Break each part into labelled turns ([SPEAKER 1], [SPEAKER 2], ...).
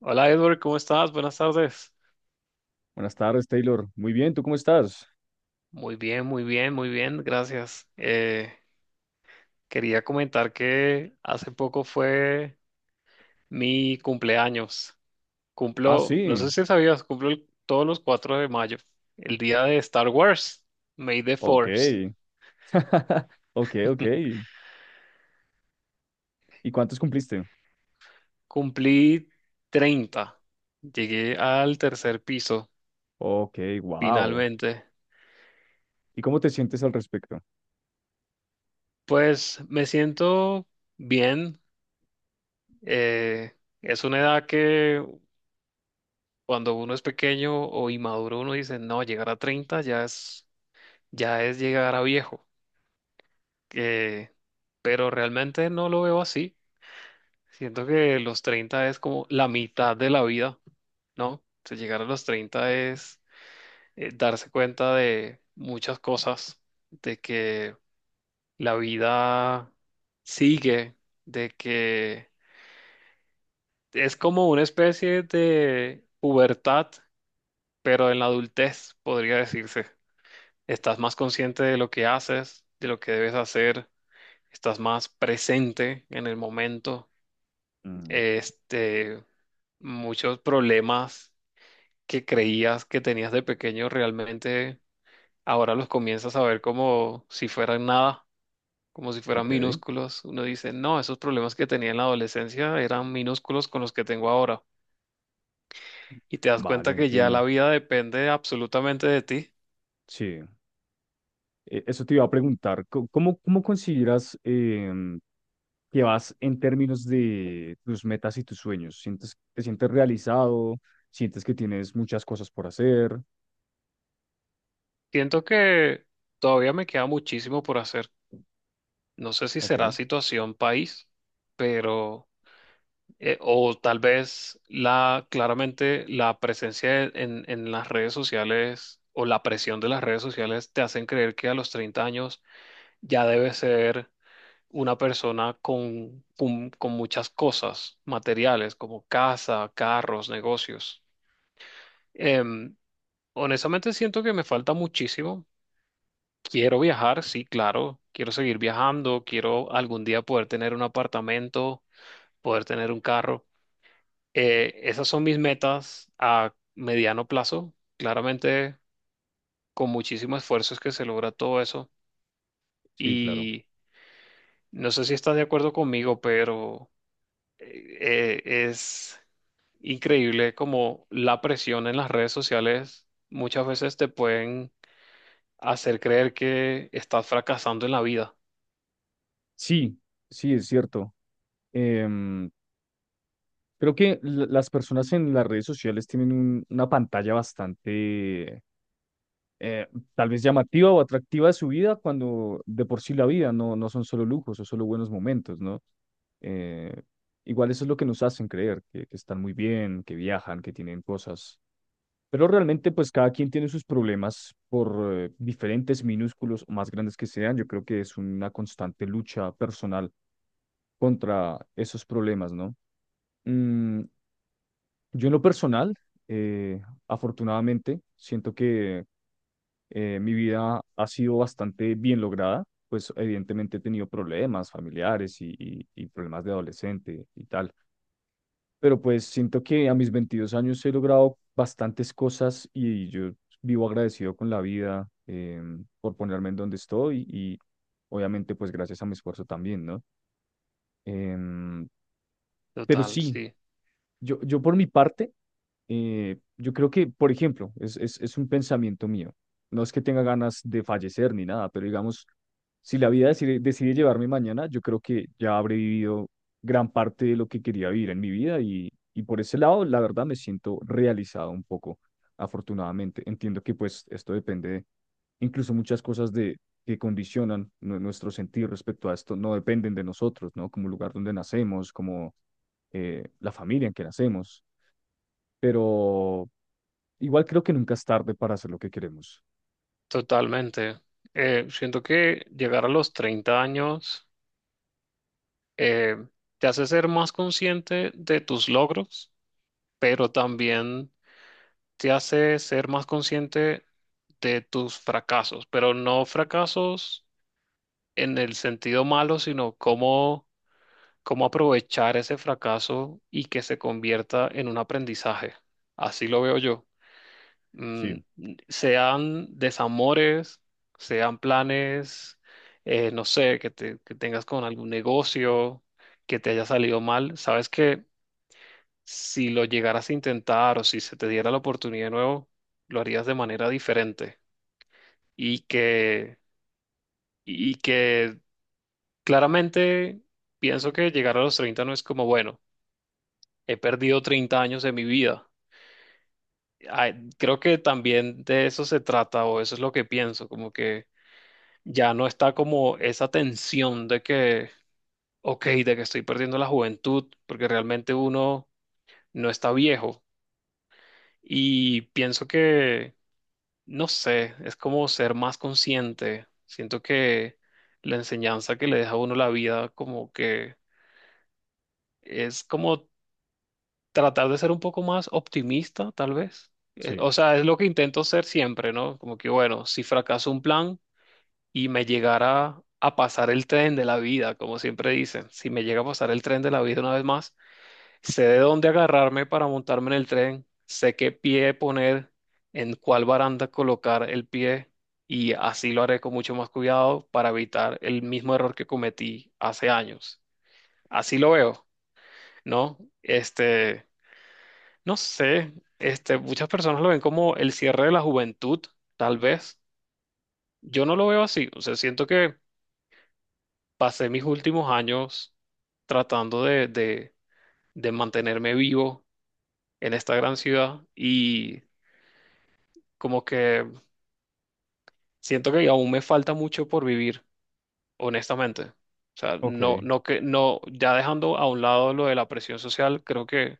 [SPEAKER 1] Hola Edward, ¿cómo estás? Buenas tardes.
[SPEAKER 2] Buenas tardes, Taylor. Muy bien, ¿tú cómo estás?
[SPEAKER 1] Muy bien, muy bien, muy bien, gracias. Quería comentar que hace poco fue mi cumpleaños.
[SPEAKER 2] Ah,
[SPEAKER 1] Cumplo, no sé
[SPEAKER 2] sí.
[SPEAKER 1] si sabías, todos los 4 de mayo, el día de Star Wars, May the
[SPEAKER 2] Ok.
[SPEAKER 1] Force.
[SPEAKER 2] Ok, ok. ¿Y cuántos cumpliste?
[SPEAKER 1] Cumplí 30. Llegué al tercer piso,
[SPEAKER 2] Ok, wow.
[SPEAKER 1] finalmente.
[SPEAKER 2] ¿Y cómo te sientes al respecto?
[SPEAKER 1] Pues me siento bien. Eh, es una edad que... cuando uno es pequeño o inmaduro, uno dice, no, llegar a 30 ya es llegar a viejo. Eh, pero realmente no lo veo así. Siento que los 30 es como la mitad de la vida, ¿no? O sea, llegar a los 30 es darse cuenta de muchas cosas, de que la vida sigue, de que es como una especie de pubertad, pero en la adultez, podría decirse. Estás más consciente de lo que haces, de lo que debes hacer, estás más presente en el momento.
[SPEAKER 2] Mm,
[SPEAKER 1] Este, muchos problemas que creías que tenías de pequeño realmente ahora los comienzas a ver como si fueran nada, como si fueran
[SPEAKER 2] ok,
[SPEAKER 1] minúsculos. Uno dice, no, esos problemas que tenía en la adolescencia eran minúsculos con los que tengo ahora. Y te das
[SPEAKER 2] vale,
[SPEAKER 1] cuenta que ya la
[SPEAKER 2] entiendo.
[SPEAKER 1] vida depende absolutamente de ti.
[SPEAKER 2] Sí. Eso te iba a preguntar. ¿Cómo consideras que vas en términos de tus metas y tus sueños? Te sientes realizado? ¿Sientes que tienes muchas cosas por hacer?
[SPEAKER 1] Siento que todavía me queda muchísimo por hacer. No sé si
[SPEAKER 2] Ok,
[SPEAKER 1] será situación país, pero, o tal vez claramente la presencia en las redes sociales o la presión de las redes sociales te hacen creer que a los 30 años ya debes ser una persona con muchas cosas materiales como casa, carros, negocios. Em, Honestamente siento que me falta muchísimo. Quiero viajar, sí, claro. Quiero seguir viajando, quiero algún día poder tener un apartamento, poder tener un carro. Esas son mis metas a mediano plazo. Claramente, con muchísimo esfuerzo es que se logra todo eso.
[SPEAKER 2] sí, claro.
[SPEAKER 1] Y no sé si estás de acuerdo conmigo, pero es increíble como la presión en las redes sociales muchas veces te pueden hacer creer que estás fracasando en la vida.
[SPEAKER 2] Sí, sí, es cierto. Em, Creo que las personas en las redes sociales tienen una pantalla bastante eh, tal vez llamativa o atractiva de su vida, cuando de por sí la vida no son solo lujos o solo buenos momentos, ¿no? Eh, igual eso es lo que nos hacen creer, que están muy bien, que viajan, que tienen cosas. Pero realmente, pues cada quien tiene sus problemas por diferentes, minúsculos o más grandes que sean. Yo creo que es una constante lucha personal contra esos problemas, ¿no? Mm, Yo en lo personal, eh, afortunadamente, siento que mi vida ha sido bastante bien lograda. Pues evidentemente he tenido problemas familiares y problemas de adolescente y tal, pero pues siento que a mis 22 años he logrado bastantes cosas y yo vivo agradecido con la vida, por ponerme en donde estoy y obviamente pues gracias a mi esfuerzo también, ¿no? Em, pero
[SPEAKER 1] Total,
[SPEAKER 2] sí,
[SPEAKER 1] sí,
[SPEAKER 2] yo por mi parte, yo creo que, por ejemplo, es un pensamiento mío. No es que tenga ganas de fallecer ni nada, pero digamos, si la vida decide llevarme mañana, yo creo que ya habré vivido gran parte de lo que quería vivir en mi vida, y por ese lado, la verdad, me siento realizado un poco, afortunadamente. Entiendo que pues esto depende de, incluso muchas cosas de, que condicionan nuestro sentir respecto a esto, no dependen de nosotros, ¿no? Como el lugar donde nacemos, como la familia en que nacemos. Pero igual creo que nunca es tarde para hacer lo que queremos.
[SPEAKER 1] totalmente. Siento que llegar a los 30 años eh, te hace ser más consciente de tus logros, pero también te hace ser más consciente de tus fracasos, pero no fracasos en el sentido malo, sino cómo, cómo aprovechar ese fracaso y que se convierta en un aprendizaje. Así lo veo yo. Mm,
[SPEAKER 2] Sí,
[SPEAKER 1] sean desamores, sean planes, no sé, que tengas con algún negocio que te haya salido mal. Sabes que si lo llegaras a intentar o si se te diera la oportunidad de nuevo, lo harías de manera diferente. Y que, y que claramente pienso que llegar a los 30 no es como, bueno, he perdido 30 años de mi vida. Ay, creo que también de eso se trata, o eso es lo que pienso, como que ya no está como esa tensión de que, ok, de que estoy perdiendo la juventud, porque realmente uno no está viejo. Y pienso que... no sé, es como ser más consciente. Siento que la enseñanza que le deja a uno la vida, como que es como tratar de ser un poco más optimista, tal vez.
[SPEAKER 2] sí,
[SPEAKER 1] O sea, es lo que intento ser siempre, ¿no? Como que, bueno, si fracaso un plan y me llegara a pasar el tren de la vida, como siempre dicen, si me llega a pasar el tren de la vida una vez más, sé de dónde agarrarme para montarme en el tren, sé qué pie poner, en cuál baranda colocar el pie, y así lo haré con mucho más cuidado para evitar el mismo error que cometí hace años. Así lo veo, ¿no? Este, no sé, este, muchas personas lo ven como el cierre de la juventud, tal vez. Yo no lo veo así, o sea, siento que pasé mis últimos años tratando de mantenerme vivo en esta gran ciudad, y como que siento que aún me falta mucho por vivir, honestamente. O sea, no,
[SPEAKER 2] ok,
[SPEAKER 1] no que, no, ya dejando a un lado lo de la presión social, creo que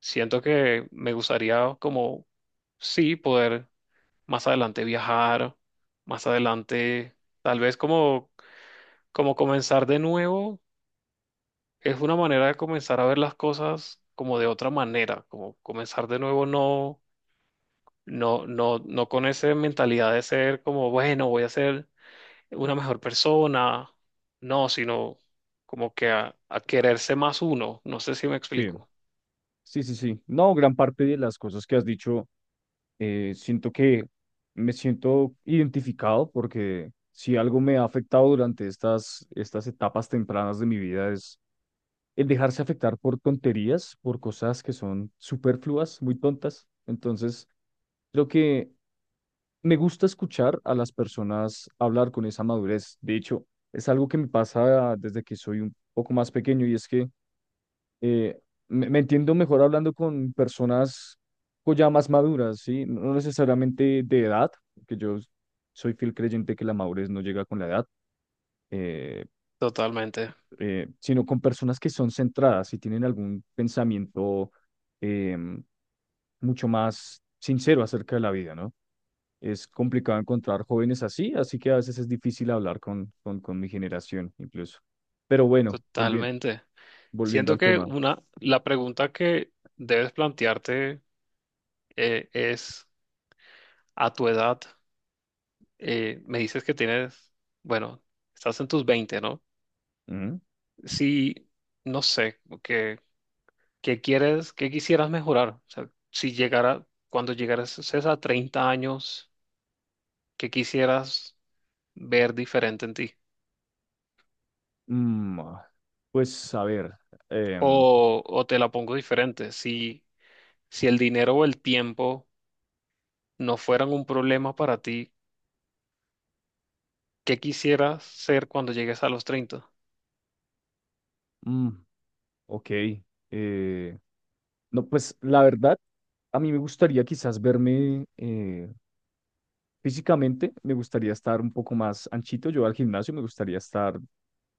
[SPEAKER 1] siento que me gustaría como, sí, poder más adelante viajar, más adelante, tal vez como, como comenzar de nuevo, es una manera de comenzar a ver las cosas como de otra manera, como comenzar de nuevo. No, No con esa mentalidad de ser como, bueno, voy a hacer una mejor persona, no, sino como que a quererse más uno, no sé si me
[SPEAKER 2] sí,
[SPEAKER 1] explico.
[SPEAKER 2] sí, sí, sí. No, gran parte de las cosas que has dicho, siento que me siento identificado, porque si algo me ha afectado durante estas etapas tempranas de mi vida es el dejarse afectar por tonterías, por cosas que son superfluas, muy tontas. Entonces, creo que me gusta escuchar a las personas hablar con esa madurez. De hecho, es algo que me pasa desde que soy un poco más pequeño, y es que eh, me entiendo mejor hablando con personas ya más maduras, ¿sí? No necesariamente de edad, porque yo soy fiel creyente que la madurez no llega con la edad, eh,
[SPEAKER 1] Totalmente,
[SPEAKER 2] sino con personas que son centradas y tienen algún pensamiento, em, mucho más sincero acerca de la vida, ¿no? Es complicado encontrar jóvenes así, así que a veces es difícil hablar con mi generación incluso. Pero bueno, volviendo,
[SPEAKER 1] totalmente. Siento
[SPEAKER 2] al
[SPEAKER 1] que
[SPEAKER 2] tema.
[SPEAKER 1] una, la pregunta que debes plantearte es, a tu edad, me dices que tienes, bueno, estás en tus 20, ¿no?
[SPEAKER 2] Ujú.
[SPEAKER 1] Si, no sé, qué quieres, qué quisieras mejorar. O sea, si llegara, cuando llegaras a 30 años, ¿qué quisieras ver diferente en ti?
[SPEAKER 2] Ah, pues a ver, em,
[SPEAKER 1] O te la pongo diferente, si el dinero o el tiempo no fueran un problema para ti, ¿qué quisieras ser cuando llegues a los 30?
[SPEAKER 2] mm, ok. eh, no pues la verdad, a mí me gustaría quizás verme, físicamente, me gustaría estar un poco más anchito. Yo al gimnasio, me gustaría estar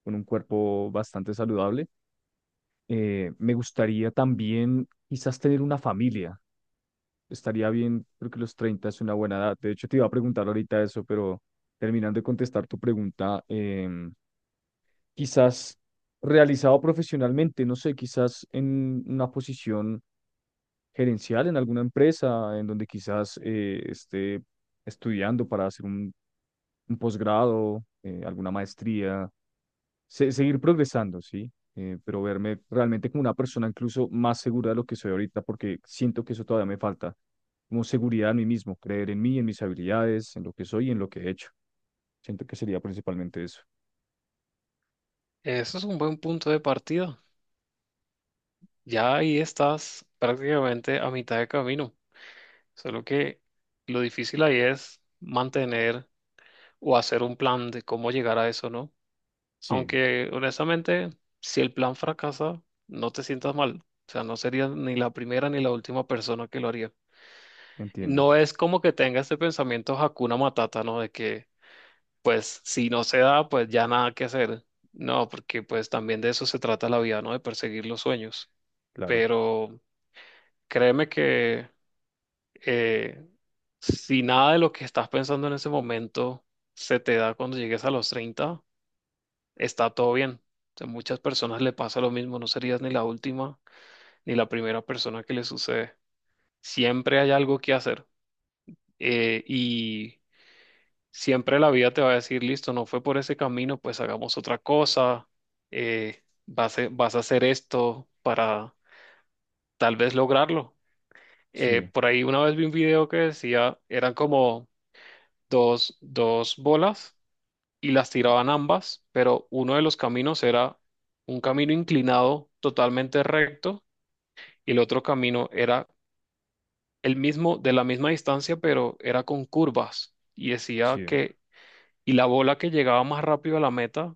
[SPEAKER 2] con un cuerpo bastante saludable. Me gustaría también quizás tener una familia. Estaría bien, creo que los 30 es una buena edad. De hecho, te iba a preguntar ahorita eso, pero terminando de contestar tu pregunta, quizás realizado profesionalmente, no sé, quizás en una posición gerencial en alguna empresa, en donde quizás esté estudiando para hacer un posgrado, alguna maestría, seguir progresando, ¿sí? Pero verme realmente como una persona incluso más segura de lo que soy ahorita, porque siento que eso todavía me falta, como seguridad en mí mismo, creer en mí, en mis habilidades, en lo que soy y en lo que he hecho. Siento que sería principalmente eso.
[SPEAKER 1] Eso es un buen punto de partida. Ya ahí estás prácticamente a mitad de camino. Solo que lo difícil ahí es mantener o hacer un plan de cómo llegar a eso, ¿no?
[SPEAKER 2] Sí,
[SPEAKER 1] Aunque honestamente, si el plan fracasa, no te sientas mal. O sea, no serías ni la primera ni la última persona que lo haría.
[SPEAKER 2] entiendo,
[SPEAKER 1] No es como que tenga ese pensamiento Hakuna Matata, ¿no? De que, pues, si no se da, pues ya nada que hacer. No, porque pues también de eso se trata la vida, ¿no? De perseguir los sueños.
[SPEAKER 2] claro.
[SPEAKER 1] Pero créeme que eh, si nada de lo que estás pensando en ese momento se te da cuando llegues a los 30, está todo bien. A muchas personas le pasa lo mismo, no serías ni la última ni la primera persona que le sucede. Siempre hay algo que hacer. Y siempre la vida te va a decir, listo, no fue por ese camino, pues hagamos otra cosa, vas a hacer esto para tal vez lograrlo.
[SPEAKER 2] Sí,
[SPEAKER 1] Por ahí una vez vi un video que decía, eran como dos bolas y las tiraban ambas, pero uno de los caminos era un camino inclinado totalmente recto y el otro camino era el mismo, de la misma distancia, pero era con curvas. Y decía
[SPEAKER 2] sí,
[SPEAKER 1] que, y la bola que llegaba más rápido a la meta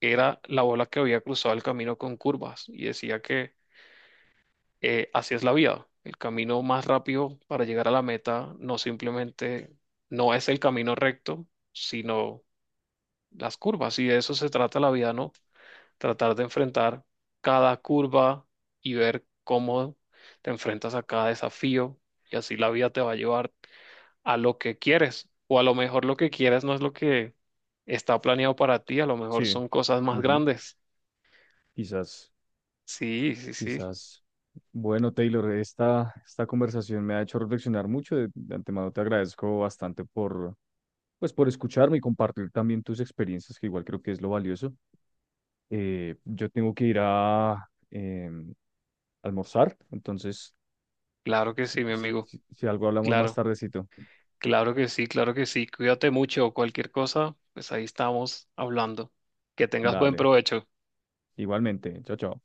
[SPEAKER 1] era la bola que había cruzado el camino con curvas, y decía que así es la vida. El camino más rápido para llegar a la meta no simplemente no es el camino recto, sino las curvas. Y de eso se trata la vida, ¿no? Tratar de enfrentar cada curva y ver cómo te enfrentas a cada desafío, y así la vida te va a llevar a lo que quieres. O a lo mejor lo que quieres no es lo que está planeado para ti, a lo mejor
[SPEAKER 2] sí.
[SPEAKER 1] son cosas más
[SPEAKER 2] Ujú.
[SPEAKER 1] grandes.
[SPEAKER 2] Quizás,
[SPEAKER 1] Sí, sí, sí.
[SPEAKER 2] quizás. Bueno, Taylor, esta conversación me ha hecho reflexionar mucho. De antemano te agradezco bastante por, pues, por escucharme y compartir también tus experiencias, que igual creo que es lo valioso. Yo tengo que ir a, em, almorzar, entonces
[SPEAKER 1] Claro que
[SPEAKER 2] si,
[SPEAKER 1] sí, mi amigo.
[SPEAKER 2] si algo hablamos más
[SPEAKER 1] Claro,
[SPEAKER 2] tardecito,
[SPEAKER 1] claro que sí, claro que sí. Cuídate mucho. Cualquier cosa, pues ahí estamos hablando. Que tengas buen
[SPEAKER 2] dale,
[SPEAKER 1] provecho.
[SPEAKER 2] igualmente, chao, chao.